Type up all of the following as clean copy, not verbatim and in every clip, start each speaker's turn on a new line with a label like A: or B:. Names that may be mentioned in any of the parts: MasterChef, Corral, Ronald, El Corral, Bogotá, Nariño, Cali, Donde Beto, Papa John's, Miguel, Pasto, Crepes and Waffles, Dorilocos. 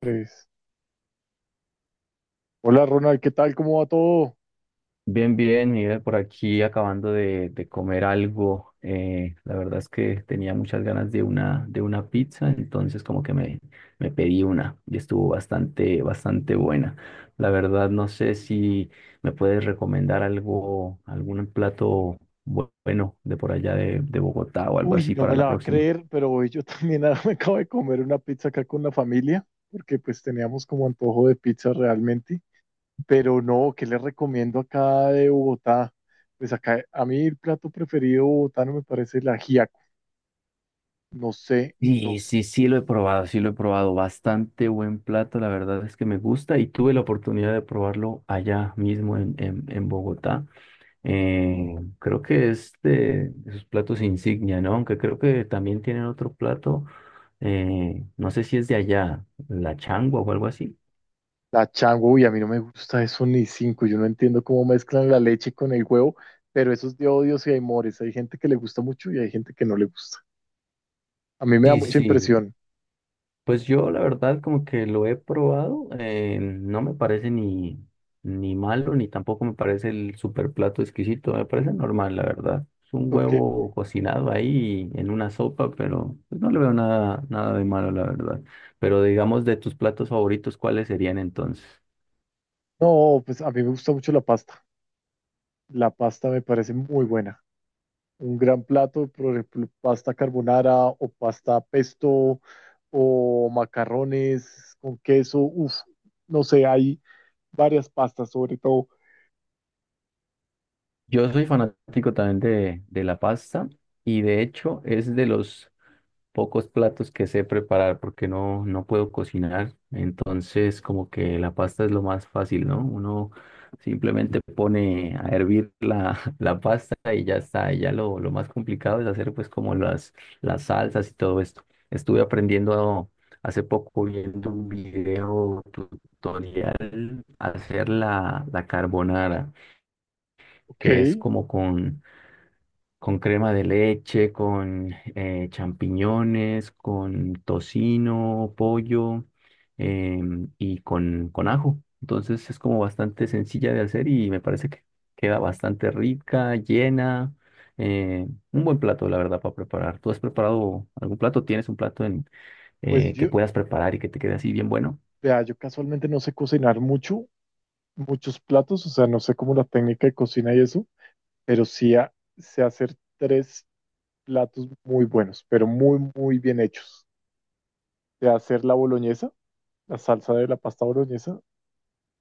A: Tres. Hola Ronald, ¿qué tal? ¿Cómo va todo?
B: Bien, bien, Miguel, por aquí acabando de comer algo. La verdad es que tenía muchas ganas de una pizza, entonces me pedí una y estuvo bastante buena. La verdad no sé si me puedes recomendar algo, algún plato bueno de por allá de Bogotá o algo
A: Uy,
B: así
A: no
B: para
A: me
B: la
A: la va a
B: próxima.
A: creer, pero hoy yo también me acabo de comer una pizza acá con la familia, porque pues teníamos como antojo de pizza realmente. Pero no, ¿qué les recomiendo acá de Bogotá? Pues acá a mí el plato preferido bogotano me parece la ajiaco. No sé,
B: Sí,
A: nos,
B: sí, sí lo he probado, sí lo he probado. Bastante buen plato, la verdad es que me gusta y tuve la oportunidad de probarlo allá mismo en Bogotá. Creo que es de sus platos insignia, ¿no? Aunque creo que también tienen otro plato, no sé si es de allá, la changua o algo así.
A: la chango, uy, a mí no me gusta eso ni cinco. Yo no entiendo cómo mezclan la leche con el huevo, pero eso es de odios y amores. Hay gente que le gusta mucho y hay gente que no le gusta. A mí me da
B: Sí,
A: mucha
B: sí,
A: impresión.
B: pues yo la verdad como que lo he probado, no me parece ni malo, ni tampoco me parece el super plato exquisito, me parece normal, la verdad. Es un
A: Ok.
B: huevo cocinado ahí en una sopa, pero pues, no le veo nada de malo, la verdad. Pero digamos, de tus platos favoritos, ¿cuáles serían entonces?
A: No, pues a mí me gusta mucho la pasta. La pasta me parece muy buena. Un gran plato, por ejemplo, pasta carbonara o pasta pesto o macarrones con queso. Uf, no sé, hay varias pastas sobre todo.
B: Yo soy fanático también de la pasta y de hecho es de los pocos platos que sé preparar porque no puedo cocinar. Entonces como que la pasta es lo más fácil, ¿no? Uno simplemente pone a hervir la, la pasta y ya está. Y ya lo más complicado es hacer pues como las salsas y todo esto. Estuve aprendiendo hace poco viendo un video tutorial hacer la carbonara,
A: Ok,
B: que es como con crema de leche, con champiñones, con tocino, pollo, y con ajo. Entonces es como bastante sencilla de hacer y me parece que queda bastante rica, llena. eh, un buen plato, la verdad, para preparar. ¿Tú has preparado algún plato? ¿Tienes un plato
A: pues
B: que
A: yo,
B: puedas preparar y que te quede así bien bueno?
A: vea, yo casualmente no sé cocinar mucho, muchos platos, o sea, no sé cómo la técnica de cocina y eso, pero sí sé hacer tres platos muy buenos, pero muy bien hechos. Sé hacer la boloñesa. La salsa de la pasta boloñesa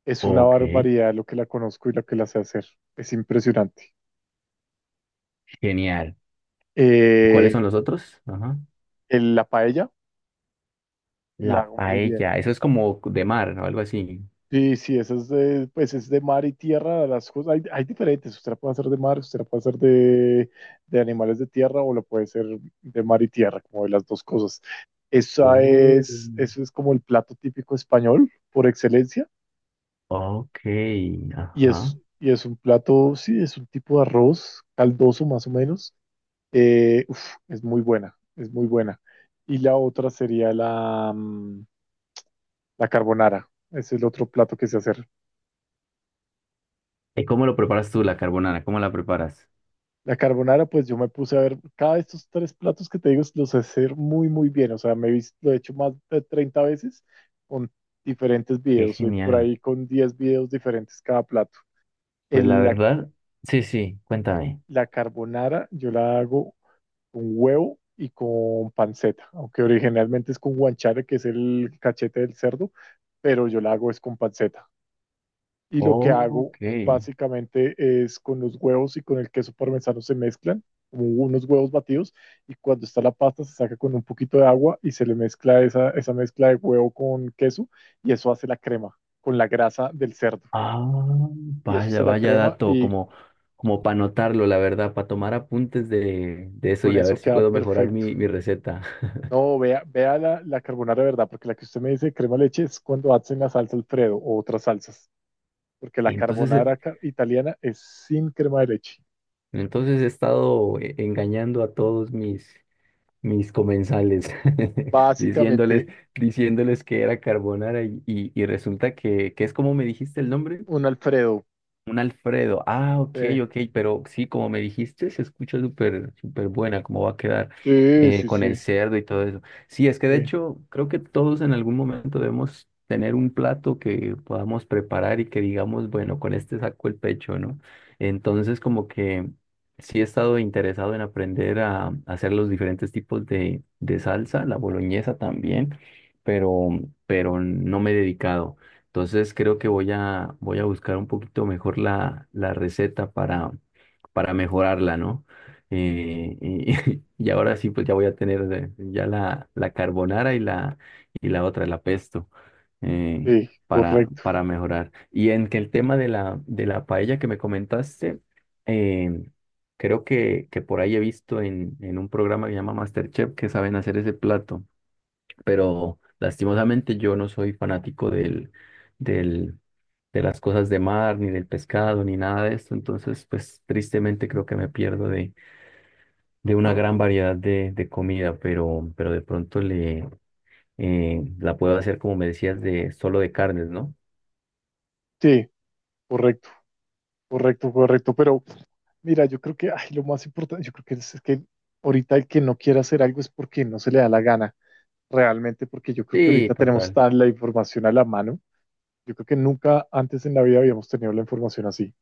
A: es una
B: Ok,
A: barbaridad lo que la conozco y lo que la sé hacer. Es impresionante.
B: genial. ¿Y cuáles
A: Eh,
B: son los otros? Ajá.
A: la paella la
B: La
A: hago muy bien.
B: paella, eso es como de mar o algo así.
A: Sí, sí, esa es de, pues es de mar y tierra, las cosas, hay diferentes, usted la puede hacer de mar, usted la puede hacer de animales de tierra o la puede hacer de mar y tierra, como de las dos cosas. Esa
B: Oh.
A: es, eso es como el plato típico español por excelencia
B: Ok,
A: y es,
B: ajá.
A: y es un plato, sí, es un tipo de arroz caldoso más o menos. Eh, uf, es muy buena, es muy buena. Y la otra sería la, la carbonara. Ese es el otro plato que sé hacer.
B: ¿Y cómo lo preparas tú, la carbonara? ¿Cómo la preparas?
A: La carbonara, pues yo me puse a ver, cada de estos tres platos que te digo los sé hacer muy bien. O sea, me he visto, lo he hecho más de 30 veces con diferentes
B: Qué
A: videos. Soy por
B: genial.
A: ahí con 10 videos diferentes cada plato.
B: Pues la
A: El, la,
B: verdad, sí, sí, cuéntame.
A: la carbonara yo la hago con huevo y con panceta, aunque originalmente es con guanciale que es el cachete del cerdo, pero yo la hago es con panceta. Y lo que hago
B: Ok.
A: básicamente es con los huevos y con el queso parmesano se mezclan, como unos huevos batidos, y cuando está la pasta se saca con un poquito de agua y se le mezcla esa mezcla de huevo con queso y eso hace la crema con la grasa del cerdo.
B: Ah,
A: Y eso se
B: vaya,
A: la
B: vaya
A: crema
B: dato,
A: y
B: como, como para anotarlo, la verdad, para tomar apuntes de eso
A: con
B: y a ver
A: eso
B: si
A: queda
B: puedo mejorar
A: perfecto.
B: mi receta.
A: No, vea, vea la, la carbonara de verdad, porque la que usted me dice crema de leche es cuando hacen la salsa Alfredo o otras salsas, porque la
B: Entonces,
A: carbonara italiana es sin crema de leche.
B: entonces he estado engañando a todos mis comensales, diciéndoles,
A: Básicamente
B: diciéndoles que era carbonara y, y resulta que es como me dijiste el nombre.
A: un Alfredo.
B: Un Alfredo. Ah, ok,
A: eh,
B: ok, pero sí, como me dijiste, se escucha súper, súper buena, cómo va a quedar
A: sí, sí,
B: con
A: sí,
B: el cerdo y todo eso. Sí, es que de
A: sí,
B: hecho, creo que todos en algún momento debemos tener un plato que podamos preparar y que digamos, bueno, con este saco el pecho, ¿no? Entonces, como que sí he estado interesado en aprender a hacer los diferentes tipos de salsa, la boloñesa también, pero, pero no me he dedicado. Entonces creo que voy a buscar un poquito mejor la receta para mejorarla, ¿no? Y, y ahora sí, pues ya voy a tener ya la carbonara y y la otra, la pesto, eh,
A: sí, correcto.
B: para mejorar. Y en que el tema de de la paella que me comentaste, eh, creo que por ahí he visto en un programa que se llama MasterChef, que saben hacer ese plato, pero lastimosamente yo no soy fanático del, de las cosas de mar, ni del pescado, ni nada de esto. Entonces pues tristemente creo que me pierdo de una gran variedad de comida, pero de pronto la puedo hacer como me decías, de solo de carnes, ¿no?
A: Sí, correcto, correcto, correcto. Pero mira, yo creo que ay, lo más importante, yo creo que es que ahorita el que no quiera hacer algo es porque no se le da la gana realmente, porque yo creo que
B: Sí,
A: ahorita tenemos
B: total.
A: tan la información a la mano. Yo creo que nunca antes en la vida habíamos tenido la información así.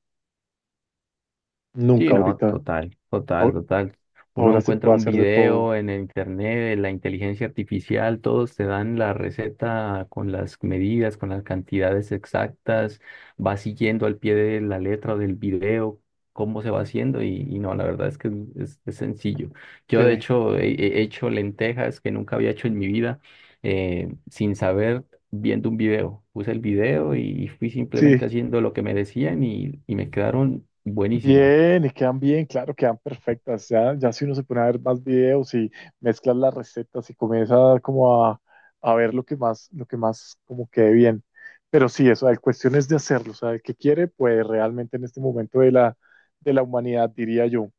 B: Sí,
A: Nunca
B: no,
A: ahorita.
B: total, total,
A: Ahor-
B: total. Uno
A: Ahora se
B: encuentra
A: puede
B: un
A: hacer de todo.
B: video en el internet, de la inteligencia artificial, todos te dan la receta con las medidas, con las cantidades exactas, va siguiendo al pie de la letra del video cómo se va haciendo y no, la verdad es que es sencillo.
A: Sí,
B: Yo de hecho he hecho lentejas que nunca había hecho en mi vida, sin saber, viendo un video. Puse el video y fui simplemente
A: sí.
B: haciendo lo que me decían y me quedaron buenísimas.
A: Bien, y quedan bien, claro, quedan perfectas. Ya, ya si uno se pone a ver más videos y mezclas las recetas y comienza como a ver lo que más como quede bien. Pero sí, eso, la cuestión es de hacerlo. O sea, el que quiere, pues realmente en este momento de la humanidad, diría yo.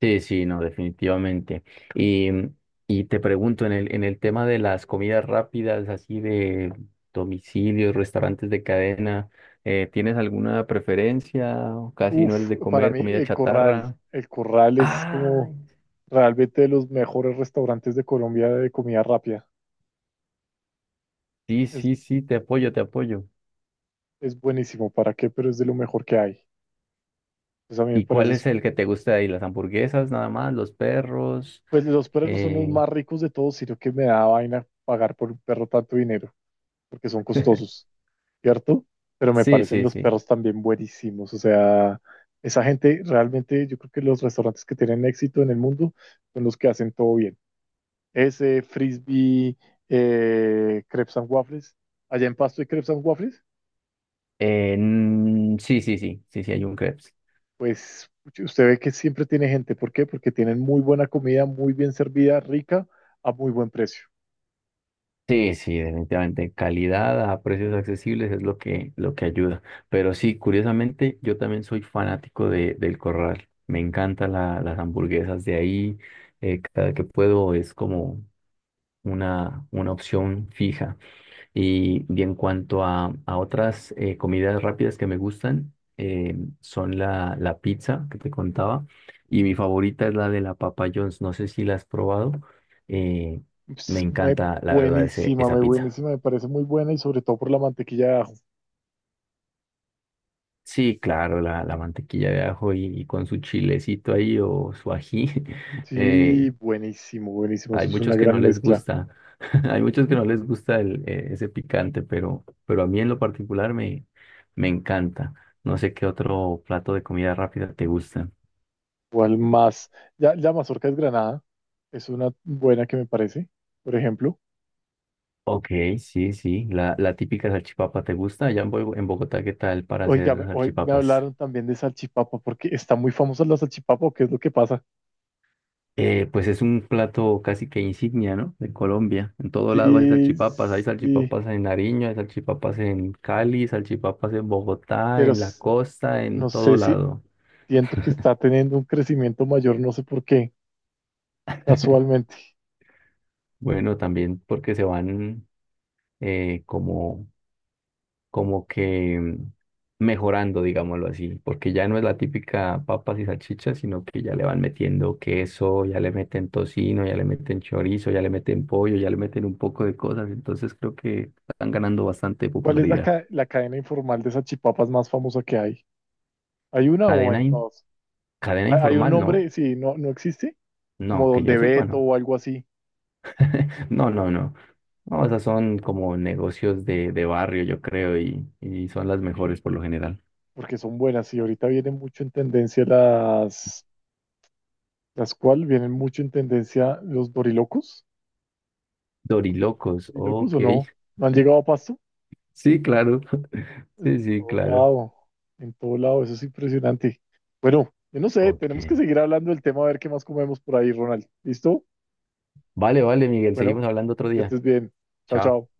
B: Sí, sí, no, definitivamente. Y, mm, y te pregunto, en el tema de las comidas rápidas, así de domicilios, restaurantes de cadena, ¿tienes alguna preferencia? ¿O casi no eres
A: Uf,
B: de
A: para
B: comer
A: mí
B: comida chatarra?
A: el corral es
B: Ah,
A: como realmente de los mejores restaurantes de Colombia de comida rápida.
B: sí,
A: Es,
B: sí, sí, te apoyo, te apoyo.
A: es buenísimo, ¿para qué? Pero es de lo mejor que hay. Pues a mí me
B: ¿Y cuál
A: parece,
B: es el que te gusta de ahí? ¿Las hamburguesas nada más? ¿Los perros?
A: pues los perros son los
B: Eh,
A: más ricos de todos, sino que me da vaina pagar por un perro tanto dinero, porque son costosos, ¿cierto? Pero me
B: sí,
A: parecen
B: sí,
A: los
B: sí.
A: perros también buenísimos. O sea, esa gente realmente, yo creo que los restaurantes que tienen éxito en el mundo son los que hacen todo bien. Ese, Frisbee, Crepes and Waffles. Allá en Pasto hay Crepes and Waffles.
B: Mm, sí, sí, sí, sí, sí, hay un crepes.
A: Pues usted ve que siempre tiene gente. ¿Por qué? Porque tienen muy buena comida, muy bien servida, rica, a muy buen precio.
B: Sí, sí, definitivamente. Calidad a precios accesibles es lo que ayuda. Pero sí, curiosamente, yo también soy fanático de, del Corral. Me encantan la- las hamburguesas de ahí. Cada que puedo es como una opción fija. Y en cuanto a otras comidas rápidas que me gustan, eh, son la pizza que te contaba. Y mi favorita es la de la Papa John's. No sé si la has probado. eh, Me
A: Ps, me-
B: encanta, la verdad, ese,
A: Buenísima,
B: esa
A: me
B: pizza.
A: buenísima, me parece muy buena y sobre todo por la mantequilla de ajo.
B: Sí, claro, la mantequilla de ajo y con su chilecito ahí o su ají.
A: Sí,
B: eh,
A: buenísimo, buenísimo.
B: Hay
A: Eso es una
B: muchos que
A: gran
B: no les
A: mezcla.
B: gusta, hay muchos que
A: No,
B: no les gusta ese picante, pero a mí en lo particular me encanta. No sé qué otro plato de comida rápida te gusta.
A: ¿cuál más? Ya, la mazorca es granada. Es una buena que me parece, por ejemplo.
B: Ok, sí, sí, la típica salchipapa te gusta. Allá en en Bogotá, ¿qué tal para hacer
A: Oiga, hoy me
B: salchipapas?
A: hablaron también de salchipapa, porque está muy famosa la salchipapa, ¿o ¿qué es lo que pasa?
B: Pues es un plato casi que insignia, ¿no? De Colombia. En todo lado hay
A: Sí,
B: salchipapas. Hay
A: sí,
B: salchipapas en Nariño, hay salchipapas en Cali, salchipapas en Bogotá,
A: pero
B: en la costa, en
A: no
B: todo
A: sé si
B: lado.
A: siento que está teniendo un crecimiento mayor, no sé por qué, casualmente.
B: Bueno, también porque se van como, como que mm, mejorando, digámoslo así, porque ya no es la típica papas y salchichas, sino que ya le van metiendo queso, ya le meten tocino, ya le meten chorizo, ya le meten pollo, ya le meten un poco de cosas. Entonces creo que están ganando bastante
A: ¿Cuál es la,
B: popularidad.
A: la cadena informal de salchipapas más famosa que hay? ¿Hay una o
B: Cadena,
A: en
B: in-
A: todas?
B: cadena
A: ¿Hay, hay un
B: informal, no.
A: nombre? Sí, no, no existe. Como
B: No, que yo
A: Donde
B: sepa,
A: Beto
B: no.
A: o algo así,
B: No, no, no. No, esas son como negocios de barrio, yo creo, y son las mejores por lo general.
A: porque son buenas. Y ahorita vienen mucho en tendencia las... ¿Las cual vienen mucho en tendencia los dorilocos?
B: Dorilocos,
A: ¿Dorilocos o
B: ok.
A: no? ¿No han llegado a Pasto?
B: Sí, claro.
A: En
B: Sí, sí,
A: todo
B: claro.
A: lado, en todo lado, eso es impresionante. Bueno, yo no sé,
B: Ok.
A: tenemos que seguir hablando del tema a ver qué más comemos por ahí, Ronald. ¿Listo?
B: Vale, vale, Miguel,
A: Bueno,
B: seguimos hablando otro
A: que
B: día.
A: estés bien. Chao, chao.
B: Chao.